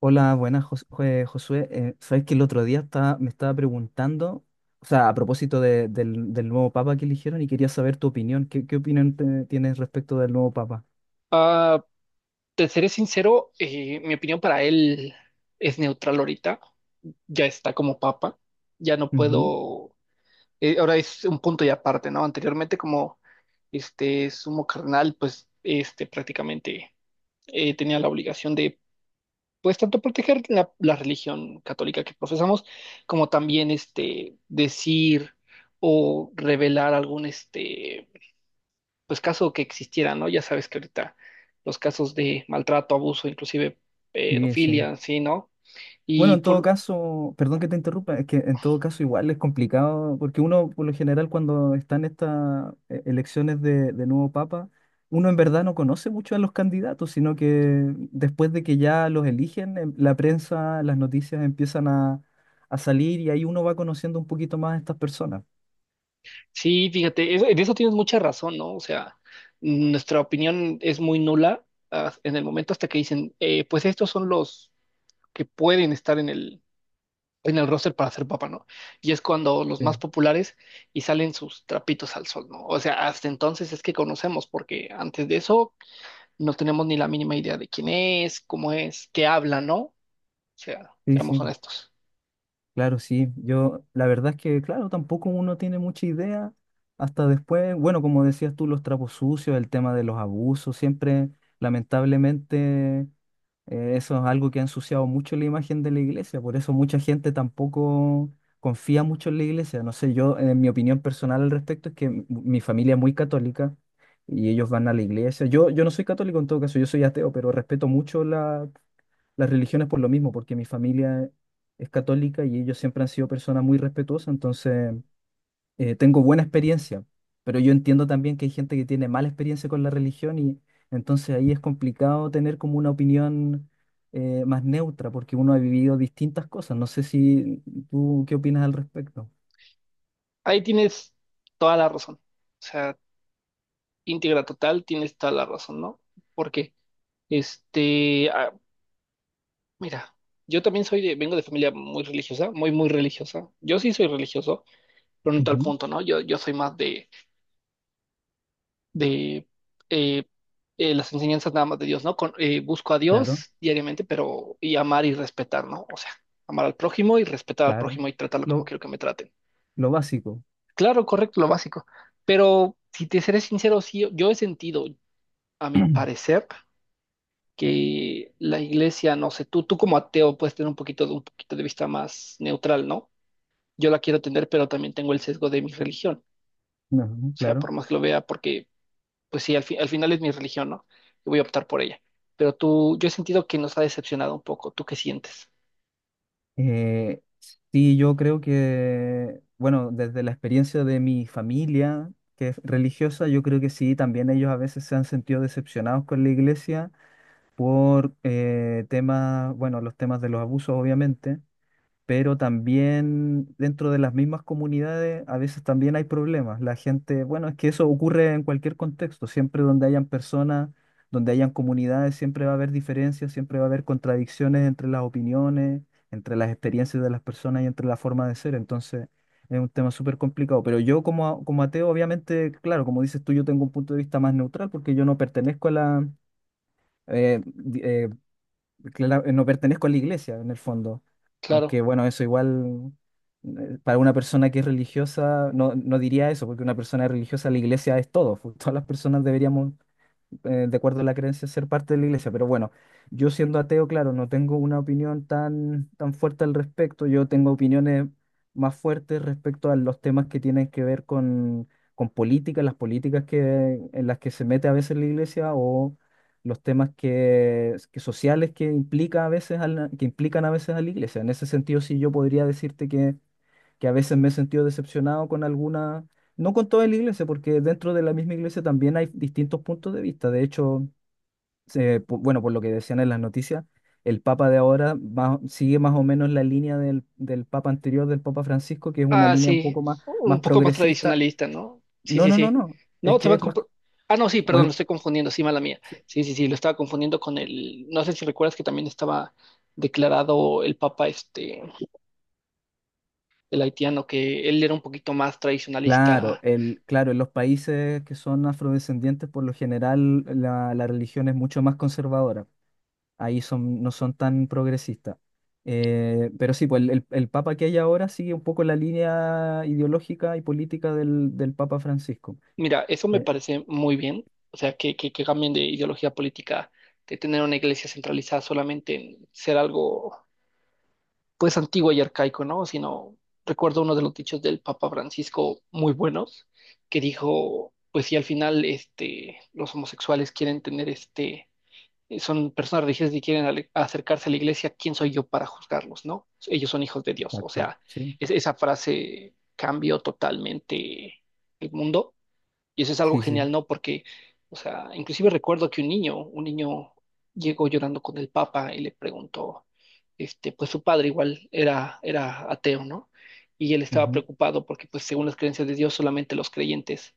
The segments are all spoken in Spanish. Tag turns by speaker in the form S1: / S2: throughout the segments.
S1: Hola, buenas, Josué. Sabes que el otro día me estaba preguntando, o sea, a propósito del nuevo papa que eligieron y quería saber tu opinión. ¿Qué opinión tienes respecto del nuevo papa?
S2: Ah, te seré sincero, mi opinión para él es neutral ahorita. Ya está como papa. Ya no
S1: Ujú.
S2: puedo. Ahora es un punto y aparte, ¿no? Anteriormente, como este sumo cardenal, pues este prácticamente tenía la obligación de, pues, tanto proteger la religión católica que profesamos, como también este decir o revelar algún este pues caso que existiera, ¿no? Ya sabes que ahorita los casos de maltrato, abuso, inclusive
S1: Sí, sí.
S2: pedofilia, sí, ¿no?
S1: Bueno,
S2: Y
S1: en todo
S2: por,
S1: caso, perdón que te interrumpa, es que en todo caso igual es complicado, porque uno por lo general cuando están estas elecciones de nuevo papa, uno en verdad no conoce mucho a los candidatos, sino que después de que ya los eligen, la prensa, las noticias empiezan a salir y ahí uno va conociendo un poquito más a estas personas.
S2: sí, fíjate, eso- en eso tienes mucha razón, ¿no? O sea, nuestra opinión es muy nula en el momento hasta que dicen, pues estos son los que pueden estar en el roster para ser papá, ¿no? Y es cuando los
S1: Sí,
S2: más populares y salen sus trapitos al sol, ¿no? O sea, hasta entonces es que conocemos, porque antes de eso no tenemos ni la mínima idea de quién es, cómo es, qué habla, ¿no? Sea,
S1: sí,
S2: seamos
S1: sí.
S2: honestos.
S1: Claro, sí, yo la verdad es que, claro, tampoco uno tiene mucha idea hasta después, bueno, como decías tú, los trapos sucios, el tema de los abusos, siempre, lamentablemente, eso es algo que ha ensuciado mucho la imagen de la iglesia, por eso mucha gente tampoco confía mucho en la iglesia, no sé, yo, en mi opinión personal al respecto es que mi familia es muy católica y ellos van a la iglesia, yo no soy católico en todo caso, yo soy ateo, pero respeto mucho las religiones por lo mismo, porque mi familia es católica y ellos siempre han sido personas muy respetuosas, entonces tengo buena experiencia, pero yo entiendo también que hay gente que tiene mala experiencia con la religión y entonces ahí es complicado tener como una opinión más neutra, porque uno ha vivido distintas cosas. No sé si tú qué opinas al respecto.
S2: Ahí tienes toda la razón. O sea, íntegra total, tienes toda la razón, ¿no? Porque, este, ah, mira, yo también soy de, vengo de familia muy religiosa, muy religiosa. Yo sí soy religioso, pero no en tal
S1: Ujú.
S2: punto, ¿no? Yo soy más de eh, las enseñanzas nada más de Dios, ¿no? Con- busco a
S1: Claro,
S2: Dios diariamente, pero y amar y respetar, ¿no? O sea, amar al prójimo y respetar al
S1: claro.
S2: prójimo y tratarlo como
S1: Lo,
S2: quiero que me traten.
S1: lo básico.
S2: Claro, correcto, lo básico. Pero si te seré sincero, sí, yo he sentido, a mi parecer, que la iglesia, no sé, tú como ateo puedes tener un poquito de vista más neutral, ¿no? Yo la quiero tener, pero también tengo el sesgo de mi religión.
S1: Ujú,
S2: O sea,
S1: claro.
S2: por más que lo vea, porque, pues sí, al fi- al final es mi religión, ¿no? Y voy a optar por ella. Pero tú, yo he sentido que nos ha decepcionado un poco. ¿Tú qué sientes?
S1: Eh, sí, yo creo que, bueno, desde la experiencia de mi familia, que es religiosa, yo creo que sí, también ellos a veces se han sentido decepcionados con la iglesia por temas, bueno, los temas de los abusos, obviamente, pero también dentro de las mismas comunidades a veces también hay problemas. La gente, bueno, es que eso ocurre en cualquier contexto, siempre donde hayan personas, donde hayan comunidades, siempre va a haber diferencias, siempre va a haber contradicciones entre las opiniones, entre las experiencias de las personas y entre la forma de ser. Entonces, es un tema súper complicado. Pero yo como, como ateo, obviamente, claro, como dices tú, yo tengo un punto de vista más neutral porque yo no pertenezco a la... eh, di- eh, no pertenezco a la iglesia en el fondo. Aunque
S2: Claro.
S1: bueno, eso igual para una persona que es religiosa no, no diría eso, porque una persona religiosa la iglesia es todo. Todas las personas deberíamos, de acuerdo a la creencia, ser parte de la iglesia. Pero bueno, yo siendo ateo, claro, no tengo una opinión tan, tan fuerte al respecto. Yo tengo opiniones más fuertes respecto a los temas que tienen que ver con política, las políticas que, en las que se mete a veces la iglesia o los temas que sociales que implica a veces a que implican a veces a la iglesia. En ese sentido, sí, yo podría decirte que a veces me he sentido decepcionado con alguna, no con toda la iglesia, porque dentro de la misma iglesia también hay distintos puntos de vista. De hecho, bueno, por lo que decían en las noticias, el Papa de ahora sigue más o menos la línea del Papa anterior, del Papa Francisco, que es una
S2: Ah,
S1: línea un
S2: sí,
S1: poco más,
S2: un
S1: más
S2: poco más
S1: progresista.
S2: tradicionalista, ¿no? Sí,
S1: No,
S2: sí,
S1: no, no,
S2: sí.
S1: no, es
S2: No, se
S1: que
S2: van
S1: es
S2: con...
S1: más...
S2: Ah, no, sí, perdón, lo
S1: o-
S2: estoy confundiendo, sí, mala mía.
S1: sí.
S2: Sí, sí, sí, lo estaba confundiendo con el... No sé si recuerdas que también estaba declarado el papa, este, el haitiano, que él era un poquito más
S1: Claro,
S2: tradicionalista.
S1: el, claro, en los países que son afrodescendientes, por lo general, la religión es mucho más conservadora. Ahí son, no son tan progresistas. Pero sí, pues el, el papa que hay ahora sigue un poco la línea ideológica y política del papa Francisco.
S2: Mira, eso me
S1: Eh,
S2: parece muy bien, o sea, que cambien de ideología política, de tener una iglesia centralizada solamente en ser algo pues antiguo y arcaico, ¿no? Sino recuerdo uno de los dichos del Papa Francisco muy buenos, que dijo, pues si al final este, los homosexuales quieren tener este, son personas religiosas y quieren ale- acercarse a la iglesia, ¿quién soy yo para juzgarlos, no? Ellos son hijos de Dios. O
S1: exacto,
S2: sea,
S1: sí,
S2: es- esa frase cambió totalmente el mundo y eso es algo
S1: sí, sí,
S2: genial, ¿no? Porque, o sea, inclusive recuerdo que un niño llegó llorando con el Papa y le preguntó, este, pues su padre igual era ateo, ¿no? Y él estaba
S1: ujú,
S2: preocupado porque, pues, según las creencias de Dios, solamente los creyentes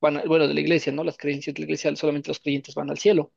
S2: van, a- bueno, de la iglesia, ¿no? Las creencias de la iglesia, solamente los creyentes van al cielo.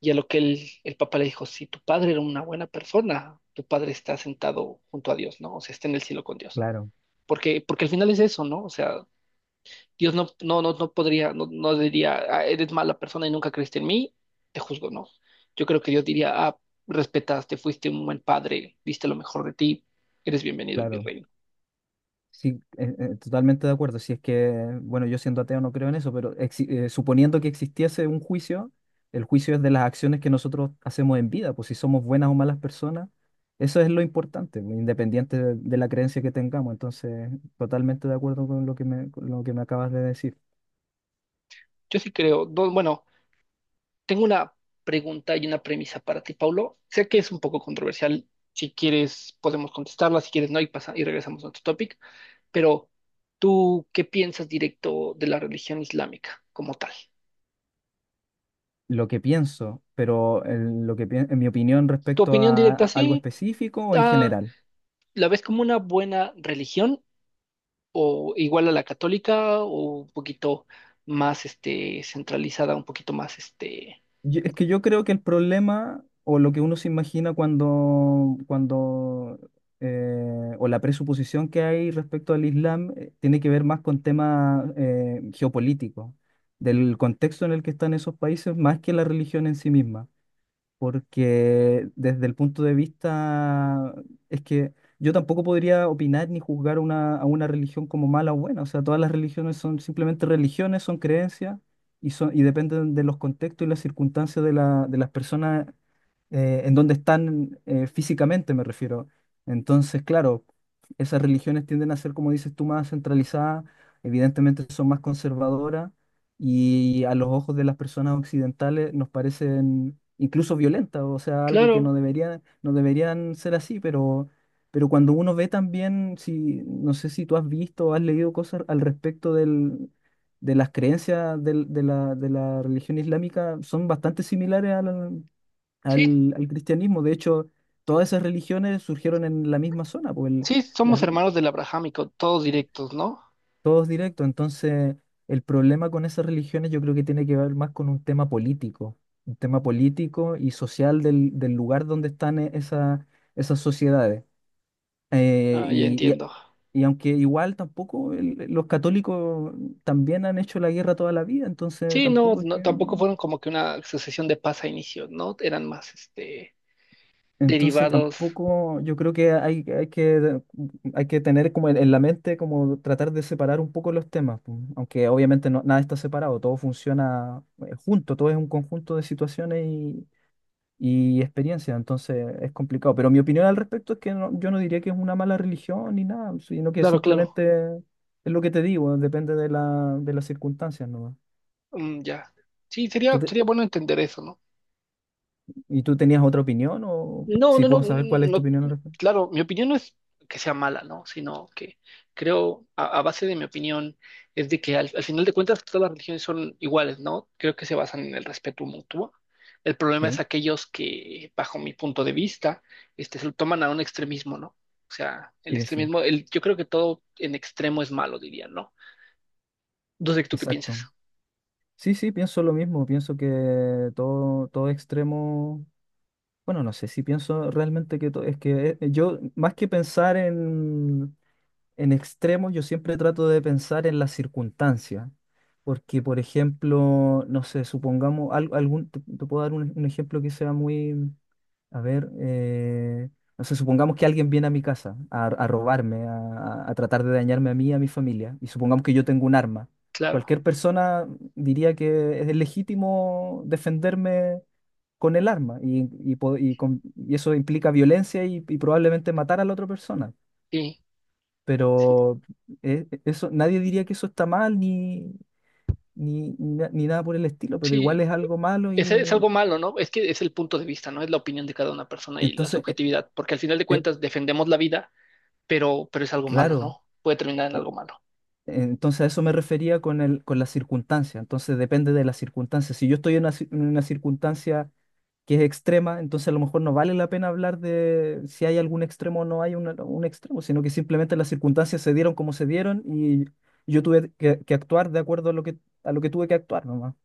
S2: Y a lo que el Papa le dijo, si tu padre era una buena persona, tu padre está sentado junto a Dios, ¿no? O sea, está en el cielo con Dios.
S1: claro,
S2: Porque al final es eso, ¿no? O sea, Dios no podría, no diría, "Ah, eres mala persona y nunca creíste en mí, te juzgo, no. Yo creo que Dios diría, ah, respetaste, fuiste un buen padre, diste lo mejor de ti, eres bienvenido en mi
S1: claro.
S2: reino.
S1: Sí, totalmente de acuerdo. Si es que, bueno, yo siendo ateo no creo en eso, pero suponiendo que existiese un juicio, el juicio es de las acciones que nosotros hacemos en vida, pues si somos buenas o malas personas, eso es lo importante, pues, independiente de la creencia que tengamos. Entonces, totalmente de acuerdo con lo que me, con lo que me acabas de decir.
S2: Yo sí creo, no, bueno, tengo una pregunta y una premisa para ti, Paulo. Sé que es un poco controversial, si quieres podemos contestarla, si quieres no, y, pasa, y regresamos a otro topic, pero ¿tú qué piensas directo de la religión islámica como tal?
S1: Lo que pienso, pero en, en mi opinión
S2: ¿Tu
S1: respecto
S2: opinión directa
S1: a algo
S2: sí?
S1: específico o en
S2: ah,
S1: general.
S2: ¿La ves como una buena religión o igual a la católica o un poquito más este centralizada, un poquito más este,
S1: Es que yo creo que el problema o lo que uno se imagina cuando, cuando o la presuposición que hay respecto al Islam, tiene que ver más con temas, geopolíticos, del contexto en el que están esos países, más que la religión en sí misma, porque desde el punto de vista es que yo tampoco podría opinar ni juzgar una, a una religión como mala o buena. O sea, todas las religiones son simplemente religiones, son creencias y, son, y dependen de los contextos y las circunstancias de, la, de las personas, en donde están, físicamente, me refiero. Entonces, claro, esas religiones tienden a ser, como dices tú, más centralizadas, evidentemente son más conservadoras y a los ojos de las personas occidentales nos parecen incluso violentas, o sea, algo que
S2: claro,
S1: no deberían, no deberían ser así, pero cuando uno ve también, si, no sé si tú has visto o has leído cosas al respecto del, de las creencias de la religión islámica, son bastante similares al,
S2: sí,
S1: al, al cristianismo. De hecho, todas esas religiones surgieron en la misma zona, pues
S2: sí,
S1: las,
S2: somos hermanos del abrahámico, todos directos, ¿no?
S1: todos directos. Entonces, el problema con esas religiones yo creo que tiene que ver más con un tema político y social del, del lugar donde están esas sociedades. Eh,
S2: Ah, ya
S1: y, y-
S2: entiendo.
S1: y aunque igual tampoco los católicos también han hecho la guerra toda la vida, entonces
S2: Sí, no,
S1: tampoco es
S2: no,
S1: que...
S2: tampoco fueron como que una sucesión de paz a inicio, ¿no? Eran más este
S1: Entonces
S2: derivados.
S1: tampoco, yo creo que hay que tener como en la mente, como tratar de separar un poco los temas, pues, aunque obviamente nada está separado, todo funciona, junto, todo es un conjunto de situaciones y experiencias, entonces es complicado. Pero mi opinión al respecto es que yo no diría que es una mala religión ni nada, sino que
S2: Claro, claro.
S1: simplemente es lo que te digo, depende de la, de las circunstancias, ¿no?
S2: Mm, ya. Sí,
S1: ¿Tú te-
S2: sería bueno entender eso, ¿no?
S1: y tú tenías otra opinión o
S2: No,
S1: si
S2: no, no,
S1: puedo saber cuál es tu
S2: no,
S1: opinión al respecto?
S2: claro, mi opinión no es que sea mala, ¿no? Sino que creo, a base de mi opinión, es de que al final de cuentas todas las religiones son iguales, ¿no? Creo que se basan en el respeto mutuo. El problema es
S1: Sí,
S2: aquellos que, bajo mi punto de vista, este, se lo toman a un extremismo, ¿no? O sea, el
S1: sí, sí,
S2: extremismo, el, yo creo que todo en extremo es malo, diría, ¿no? No sé tú qué
S1: exacto.
S2: piensas.
S1: Sí, sí, pienso lo mismo, pienso que todo, todo extremo, bueno, no sé si pienso realmente que todo, es que yo, más que pensar en extremos yo siempre trato de pensar en las circunstancias, porque por ejemplo, no sé, supongamos te puedo dar un ejemplo que sea muy, a ver, no sé, supongamos que alguien viene a mi casa a robarme, a tratar de dañarme a mí y a mi familia, y supongamos que yo tengo un arma.
S2: Claro,
S1: Cualquier persona diría que es legítimo defenderme con el arma y, y eso implica violencia y probablemente matar a la otra persona.
S2: sí, sí,
S1: Pero eso, nadie diría que eso está mal ni nada por el estilo, pero igual
S2: sí.
S1: es algo malo y,
S2: Ese es algo malo, ¿no? Es que es el punto de vista, ¿no? Es la opinión de cada una persona y la
S1: entonces,
S2: subjetividad, porque al final de
S1: eh,
S2: cuentas defendemos la vida, pero es algo malo,
S1: claro,
S2: ¿no? Puede terminar en
S1: eh,
S2: algo malo.
S1: entonces a eso me refería con el, con la circunstancia, entonces depende de la circunstancia. Si yo estoy en una, en una circunstancia que es extrema, entonces a lo mejor no vale la pena hablar de si hay algún extremo o no hay un extremo, sino que simplemente las circunstancias se dieron como se dieron y yo tuve que actuar de acuerdo a lo que tuve que actuar, nomás.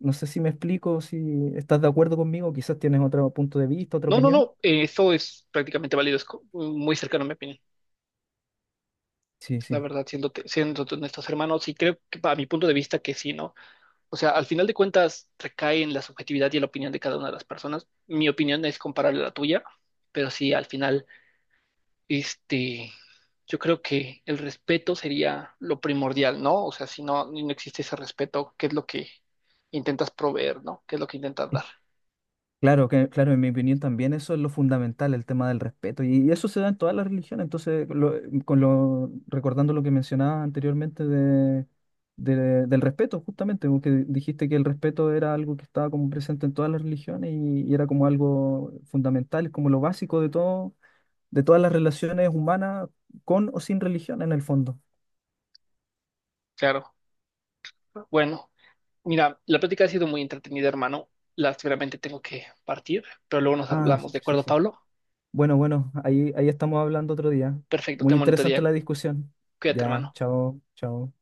S1: No sé si me explico, si estás de acuerdo conmigo, quizás tienes otro punto de vista, otra
S2: No, no,
S1: opinión.
S2: no, eso es prácticamente válido, es co- muy cercano a mi opinión,
S1: Sí,
S2: la
S1: sí.
S2: verdad, siéndote honestos, hermanos, y creo que para mi punto de vista que sí, ¿no? O sea, al final de cuentas recae en la subjetividad y en la opinión de cada una de las personas. Mi opinión es comparable a la tuya, pero sí, al final este, yo creo que el respeto sería lo primordial, ¿no? O sea, si no, no existe ese respeto, ¿qué es lo que intentas proveer, ¿no? ¿Qué es lo que intentas
S1: Es-
S2: dar?
S1: Claro, que, claro, en mi opinión también eso es lo fundamental, el tema del respeto. Y eso se da en todas las religiones. Entonces, con lo, recordando lo que mencionabas anteriormente de, del respeto, justamente, porque dijiste que el respeto era algo que estaba como presente en todas las religiones y era como algo fundamental, es como lo básico de todo, de todas las relaciones humanas, con o sin religión en el fondo.
S2: Claro. Bueno, mira, la plática ha sido muy entretenida, hermano. Seguramente tengo que partir, pero luego nos
S1: Ah,
S2: hablamos,
S1: sí,
S2: ¿de
S1: sí,
S2: acuerdo,
S1: sí.
S2: Pablo?
S1: Bueno, bueno, ahí, ahí estamos hablando otro día.
S2: Perfecto,
S1: Muy
S2: ten bonito día.
S1: interesante la discusión.
S2: Cuídate,
S1: Ya,
S2: hermano.
S1: chao, chao.